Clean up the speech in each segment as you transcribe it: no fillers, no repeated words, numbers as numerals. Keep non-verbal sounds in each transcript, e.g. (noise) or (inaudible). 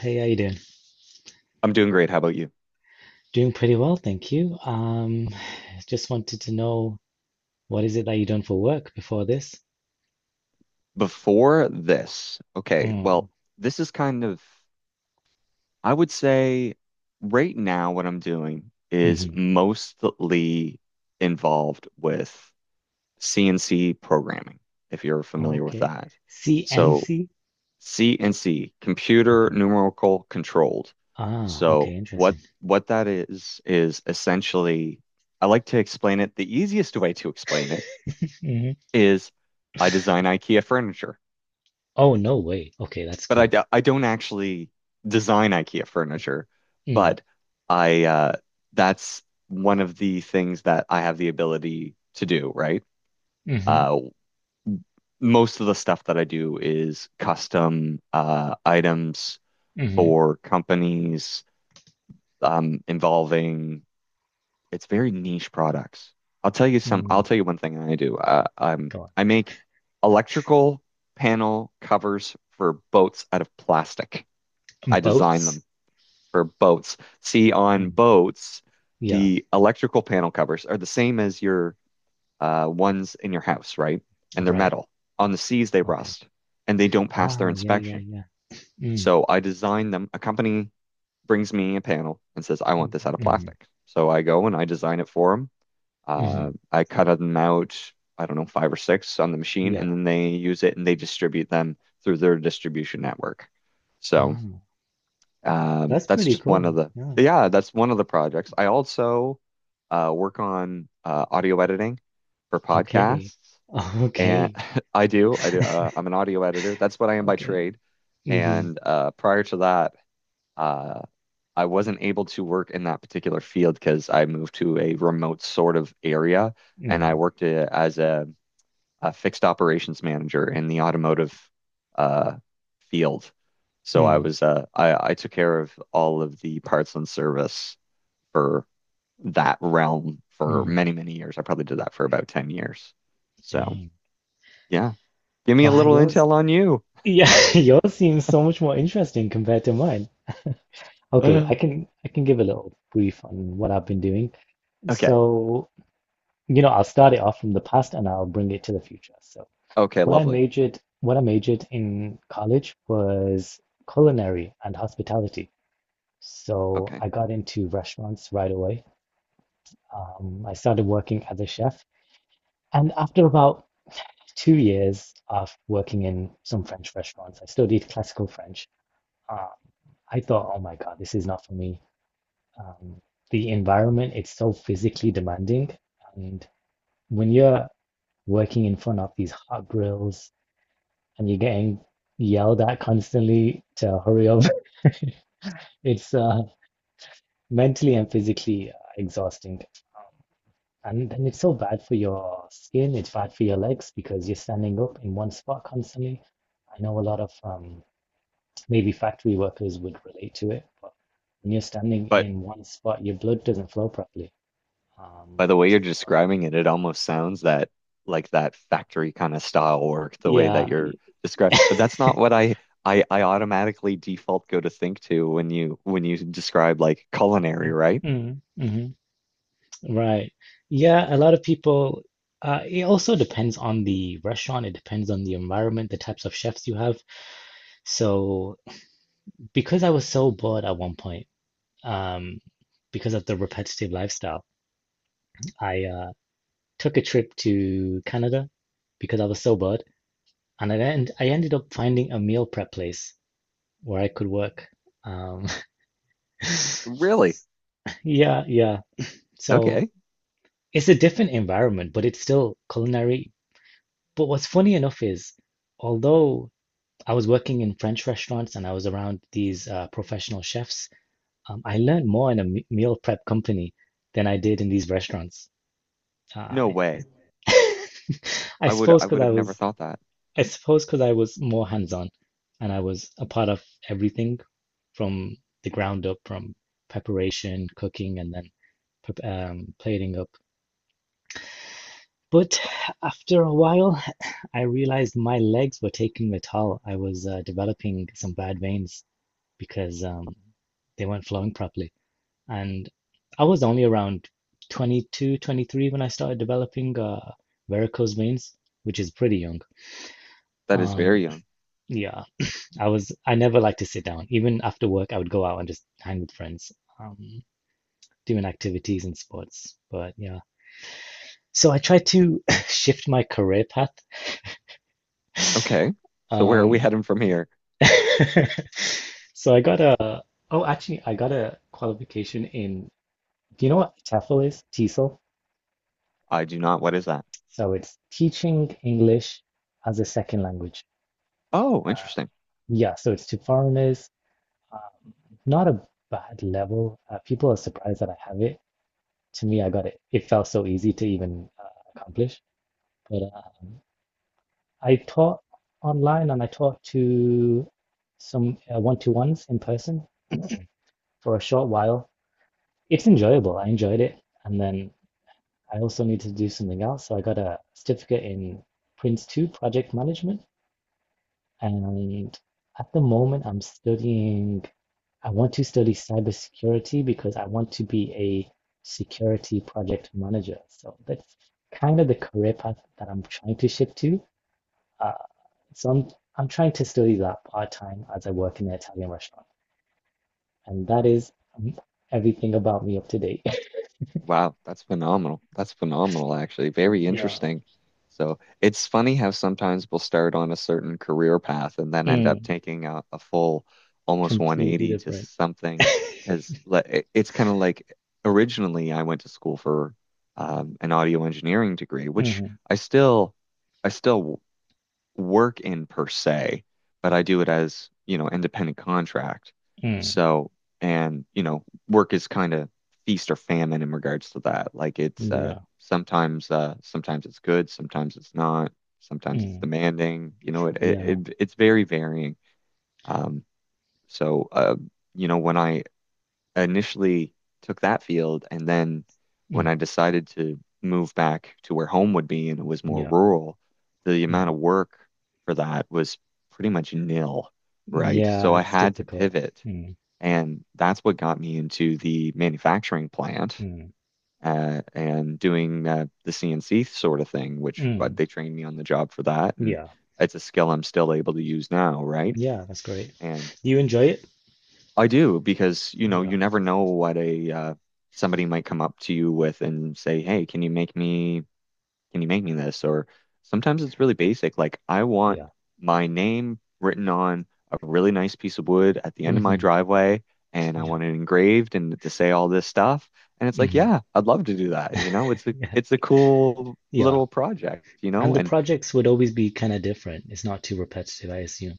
Hey, how you doing? I'm doing great. How about you? Doing pretty well, thank you. (sighs) Just wanted to know what is it that you done for work before this? Before this, okay, Mm. well, this is kind of, I would say right now what I'm doing is Hmm. mostly involved with CNC programming, if you're Oh, familiar with okay. that. So CNC? CNC, computer Okay. numerical controlled. Ah, So okay, what interesting. what that is essentially, I like to explain it. The easiest way to explain it Hmm. is I design IKEA furniture. Oh, no way. Okay, that's But I, cool. do, I don't actually design IKEA furniture, Mm. but I that's one of the things that I have the ability to do, right? Mm-hmm. Uh, Most of the stuff that I do is custom items Mm-hmm. for companies. Involving It's very niche products. I'll tell you some. I'll Mm. tell you one thing I do. Uh, I'm Go on. I make electrical panel covers for boats out of plastic. Mm, I design boats? them for boats. See, on Dang. boats, Yeah, the electrical panel covers are the same as your ones in your house, right? all And they're right. metal. On the seas, they Okay. rust and they don't pass their Ah, yeah, yeah, inspection. yeah. Mm. So I design them. A company brings me a panel and says, "I want this out of Mm-hmm. plastic." So I go and I design it for them. Mm-hmm. I cut them out, I don't know, five or six on the machine, Yeah. and then they use it and they distribute them through their distribution network. So Ah, that's that's pretty just one of cool. the Yeah. yeah, that's one of the projects. I also work on audio editing for Okay. podcasts, (laughs) and Okay. (laughs) I do. I'm (laughs) an audio editor. That's what I am by Okay. trade. Mm-hmm. And prior to that, uh, I wasn't able to work in that particular field because I moved to a remote sort of area, and I Mm-hmm. worked as a fixed operations manager in the automotive uh, field. Hmm. So Hmm. I Mm. was I took care of all of the parts and service for that realm for Mm. many, many years. I probably did that for about 10 years. So Dang. yeah, give me a Wow, little yours intel on you. yeah, (laughs) yours seems so much more interesting compared to mine. Okay, I (sighs) can I can give a little brief on what I've been doing. Okay. So, I'll start it off from the past and I'll bring it to the future. So, Okay, what I lovely. majored what I majored in college was culinary and hospitality. So, Okay. I got into restaurants right away. I started working as a chef, and after about 2 years of working in some French restaurants. I studied classical French. Uh, I thought, oh my God, this is not for me. Um, the environment, it's so physically demanding. And when you're working in front of these hot grills and you're getting yelled at constantly to hurry up, (laughs) it's mentally and physically exhausting. Um, And then it's so bad for your skin, it's bad for your legs because you're standing up in one spot constantly. I know a lot of maybe factory workers would relate to it, but when you're standing But in one spot, your blood doesn't flow properly. By Um, the way so, you're describing it, it almost sounds that like that factory kind of style work, the way that yeah, you're describing. But that's not what I automatically default go to think to when you describe like culinary, right? mm, mm, right. Yeah, a lot of people, it also depends on the restaurant, it depends on the environment, the types of chefs you have. So, because I was so bored at one point, um, because of the repetitive lifestyle, I took a trip to Canada because I was so bored, and I ended up finding a meal prep place where I could work. Um, (laughs) Really? yeah, yeah. So Okay. it's a different environment, but it's still culinary. But what's funny enough is, although I was working in French restaurants and I was around these professional chefs, I learned more in a meal prep company than I did in these restaurants. Uh, No way. (laughs) I I would suppose I because would have I never was, thought that. I suppose because I was more hands-on, and I was a part of everything from the ground up, from preparation, cooking, and then plating up. But after a while, I realized my legs were taking the toll. I was developing some bad veins because they weren't flowing properly. And I was only around 22, 23 when I started developing varicose veins, which is pretty young. That is Um, very young. yeah, I never liked to sit down. Even after work, I would go out and just hang with friends, um, doing activities and sports. But yeah, so I tried to (laughs) shift my career path. Okay. So where are we Um, heading from here? (laughs) so oh, actually, I got a qualification in, do you know what TEFL is? TESOL. I do not. What is that? So it's teaching English as a second language. Oh, Uh, interesting. yeah, so it's to foreigners, not a bad level. People are surprised that I have it. To me, I got it. It felt so easy to even accomplish. But I taught online and I taught to some one-to-ones in person for a short while. It's enjoyable. I enjoyed it. And then I also need to do something else. So I got a certificate in Prince 2 project management. And at the moment, I want to study cybersecurity because I want to be a security project manager. So that's kind of the career path that I'm trying to shift to. Uh, so I'm trying to study that part time as I work in an Italian restaurant. And that is everything about me up to date. (laughs) Wow, that's phenomenal. That's phenomenal, actually. Very Yeah. interesting. So it's funny how sometimes we'll start on a certain career path and then end up Mm. taking a full almost Completely 180 to different. something, because it's kind of like originally I went to school for an audio engineering degree, which Mm, I still I still work in per se, but I do it as, independent contract. mm, So, and work is kind of feast or famine in regards to that. Like it's yeah. sometimes sometimes it's good, sometimes it's not, sometimes it's Mm, demanding. You know, it it, yeah. it it's very varying. Um so when I initially took that field, and then when Mm, I decided to move back to where home would be and it was more yeah. rural, the amount Mm. of work for that was pretty much nil, right? Yeah, So I it's had to difficult. pivot, Mm, and that's what got me into the manufacturing plant. mm, And doing the CNC sort of thing, which mm. they trained me on the job for that, and Yeah. it's a skill I'm still able to use now, right? Yeah, that's great. And Do you enjoy it? I do, because Yeah. you never know what a somebody might come up to you with and say, "Hey, can you make me this?" Or sometimes it's really basic, like I want Yeah. my name written on a really nice piece of wood at the end of my Hmm. driveway, and I Yeah. want it engraved and to say all this stuff. And it's like, Hmm. yeah, I'd love to do that. You know, it's a Yeah. it's a cool Yeah. little project, you And know, the And projects would always be kind of different. It's not too repetitive, I assume.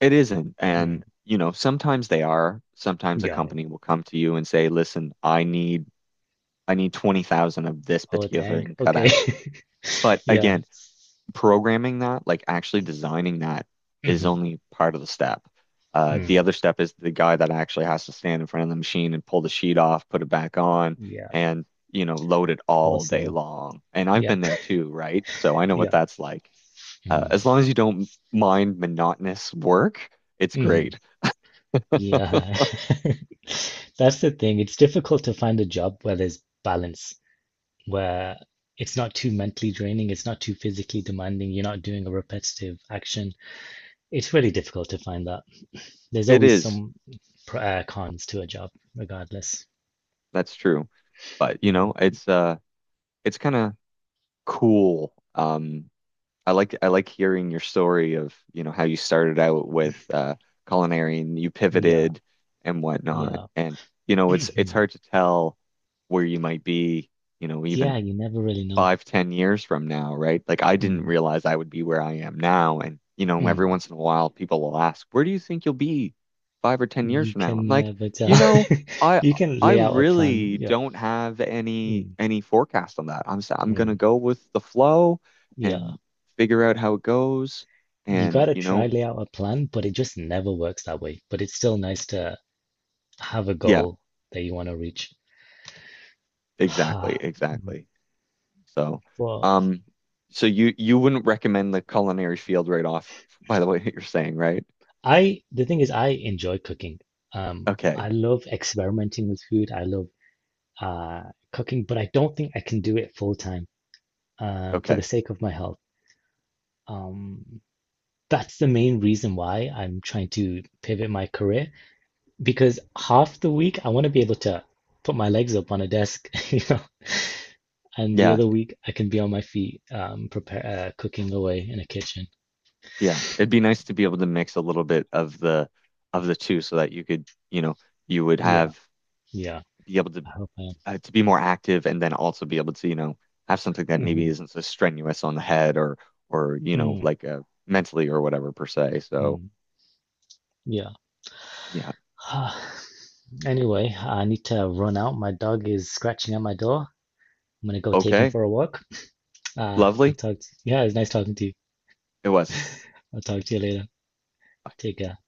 it isn't. Mm. Sometimes they are. Sometimes a Yeah, yeah. company will come to you and say, "Listen, I need." I need 20,000 of this Oh, particular dang. thing cut Okay. out. (laughs) But Yeah. again, programming that, like actually designing that, is Hmm. only part of the step. The Mm. other step is the guy that actually has to stand in front of the machine and pull the sheet off, put it back on, Yeah. and load it all day Also. long. And I've been Yep. there (laughs) too, right? So I know what Yeah. that's like. Mm-hmm. As long as you don't mind monotonous work, it's great. (laughs) Yeah. (laughs) That's the thing. It's difficult to find a job where there's balance, where it's not too mentally draining, it's not too physically demanding, you're not doing a repetitive action. It's really difficult to find that. There's It always is. some cons to a job, regardless. That's true. But Mm. It's kind of cool. I like hearing your story of how you started out with culinary and you Yeah, pivoted and whatnot. yeah. And it's (clears throat) hard to tell where you might be, Yeah, even you never really know. 5, 10 years from now, right? Like I didn't Mm. realize I would be where I am now. Every Mm. once in a while people will ask, where do you think you'll be 5 or 10 years You from now? I'm can like, never you tell. know, (laughs) I You can I lay out a plan. really Yeah. don't have any Mm. any forecast on that. I'm gonna Mm. go with the flow Yeah. and figure out how it goes. You got And, to you try know, lay out a plan, but it just never works that way. But it's still nice to have a yeah, goal that you want to reach. exactly, exactly. (sighs) So, Well, um, so you wouldn't recommend the culinary field right off, (laughs) by the way, (laughs) you're saying, right? I the thing is I enjoy cooking. Um, Okay. I love experimenting with food. I love uh cooking, but I don't think I can do it full time for the Okay. sake of my health. Um, that's the main reason why I'm trying to pivot my career. Because half the week I want to be able to put my legs up on a desk, (laughs) and the Yeah, other week I can be on my feet, prepare cooking away in a kitchen. yeah. It'd be nice to be able to mix a little bit of the two, so that you could, you know, you would Yeah, have yeah, be able to I hope I am. uh, to be more active, and then also be able to have something that maybe Mm-hmm. isn't so strenuous on the head or or, you know, Mm, like uh mentally or whatever per se. So, mm, yeah. yeah. (sighs) Anyway, I need to run out. My dog is scratching at my door. I'm gonna go take him Okay. for a walk. Lovely. Yeah, it's nice talking to you. It was. I'll talk to you later. Take care.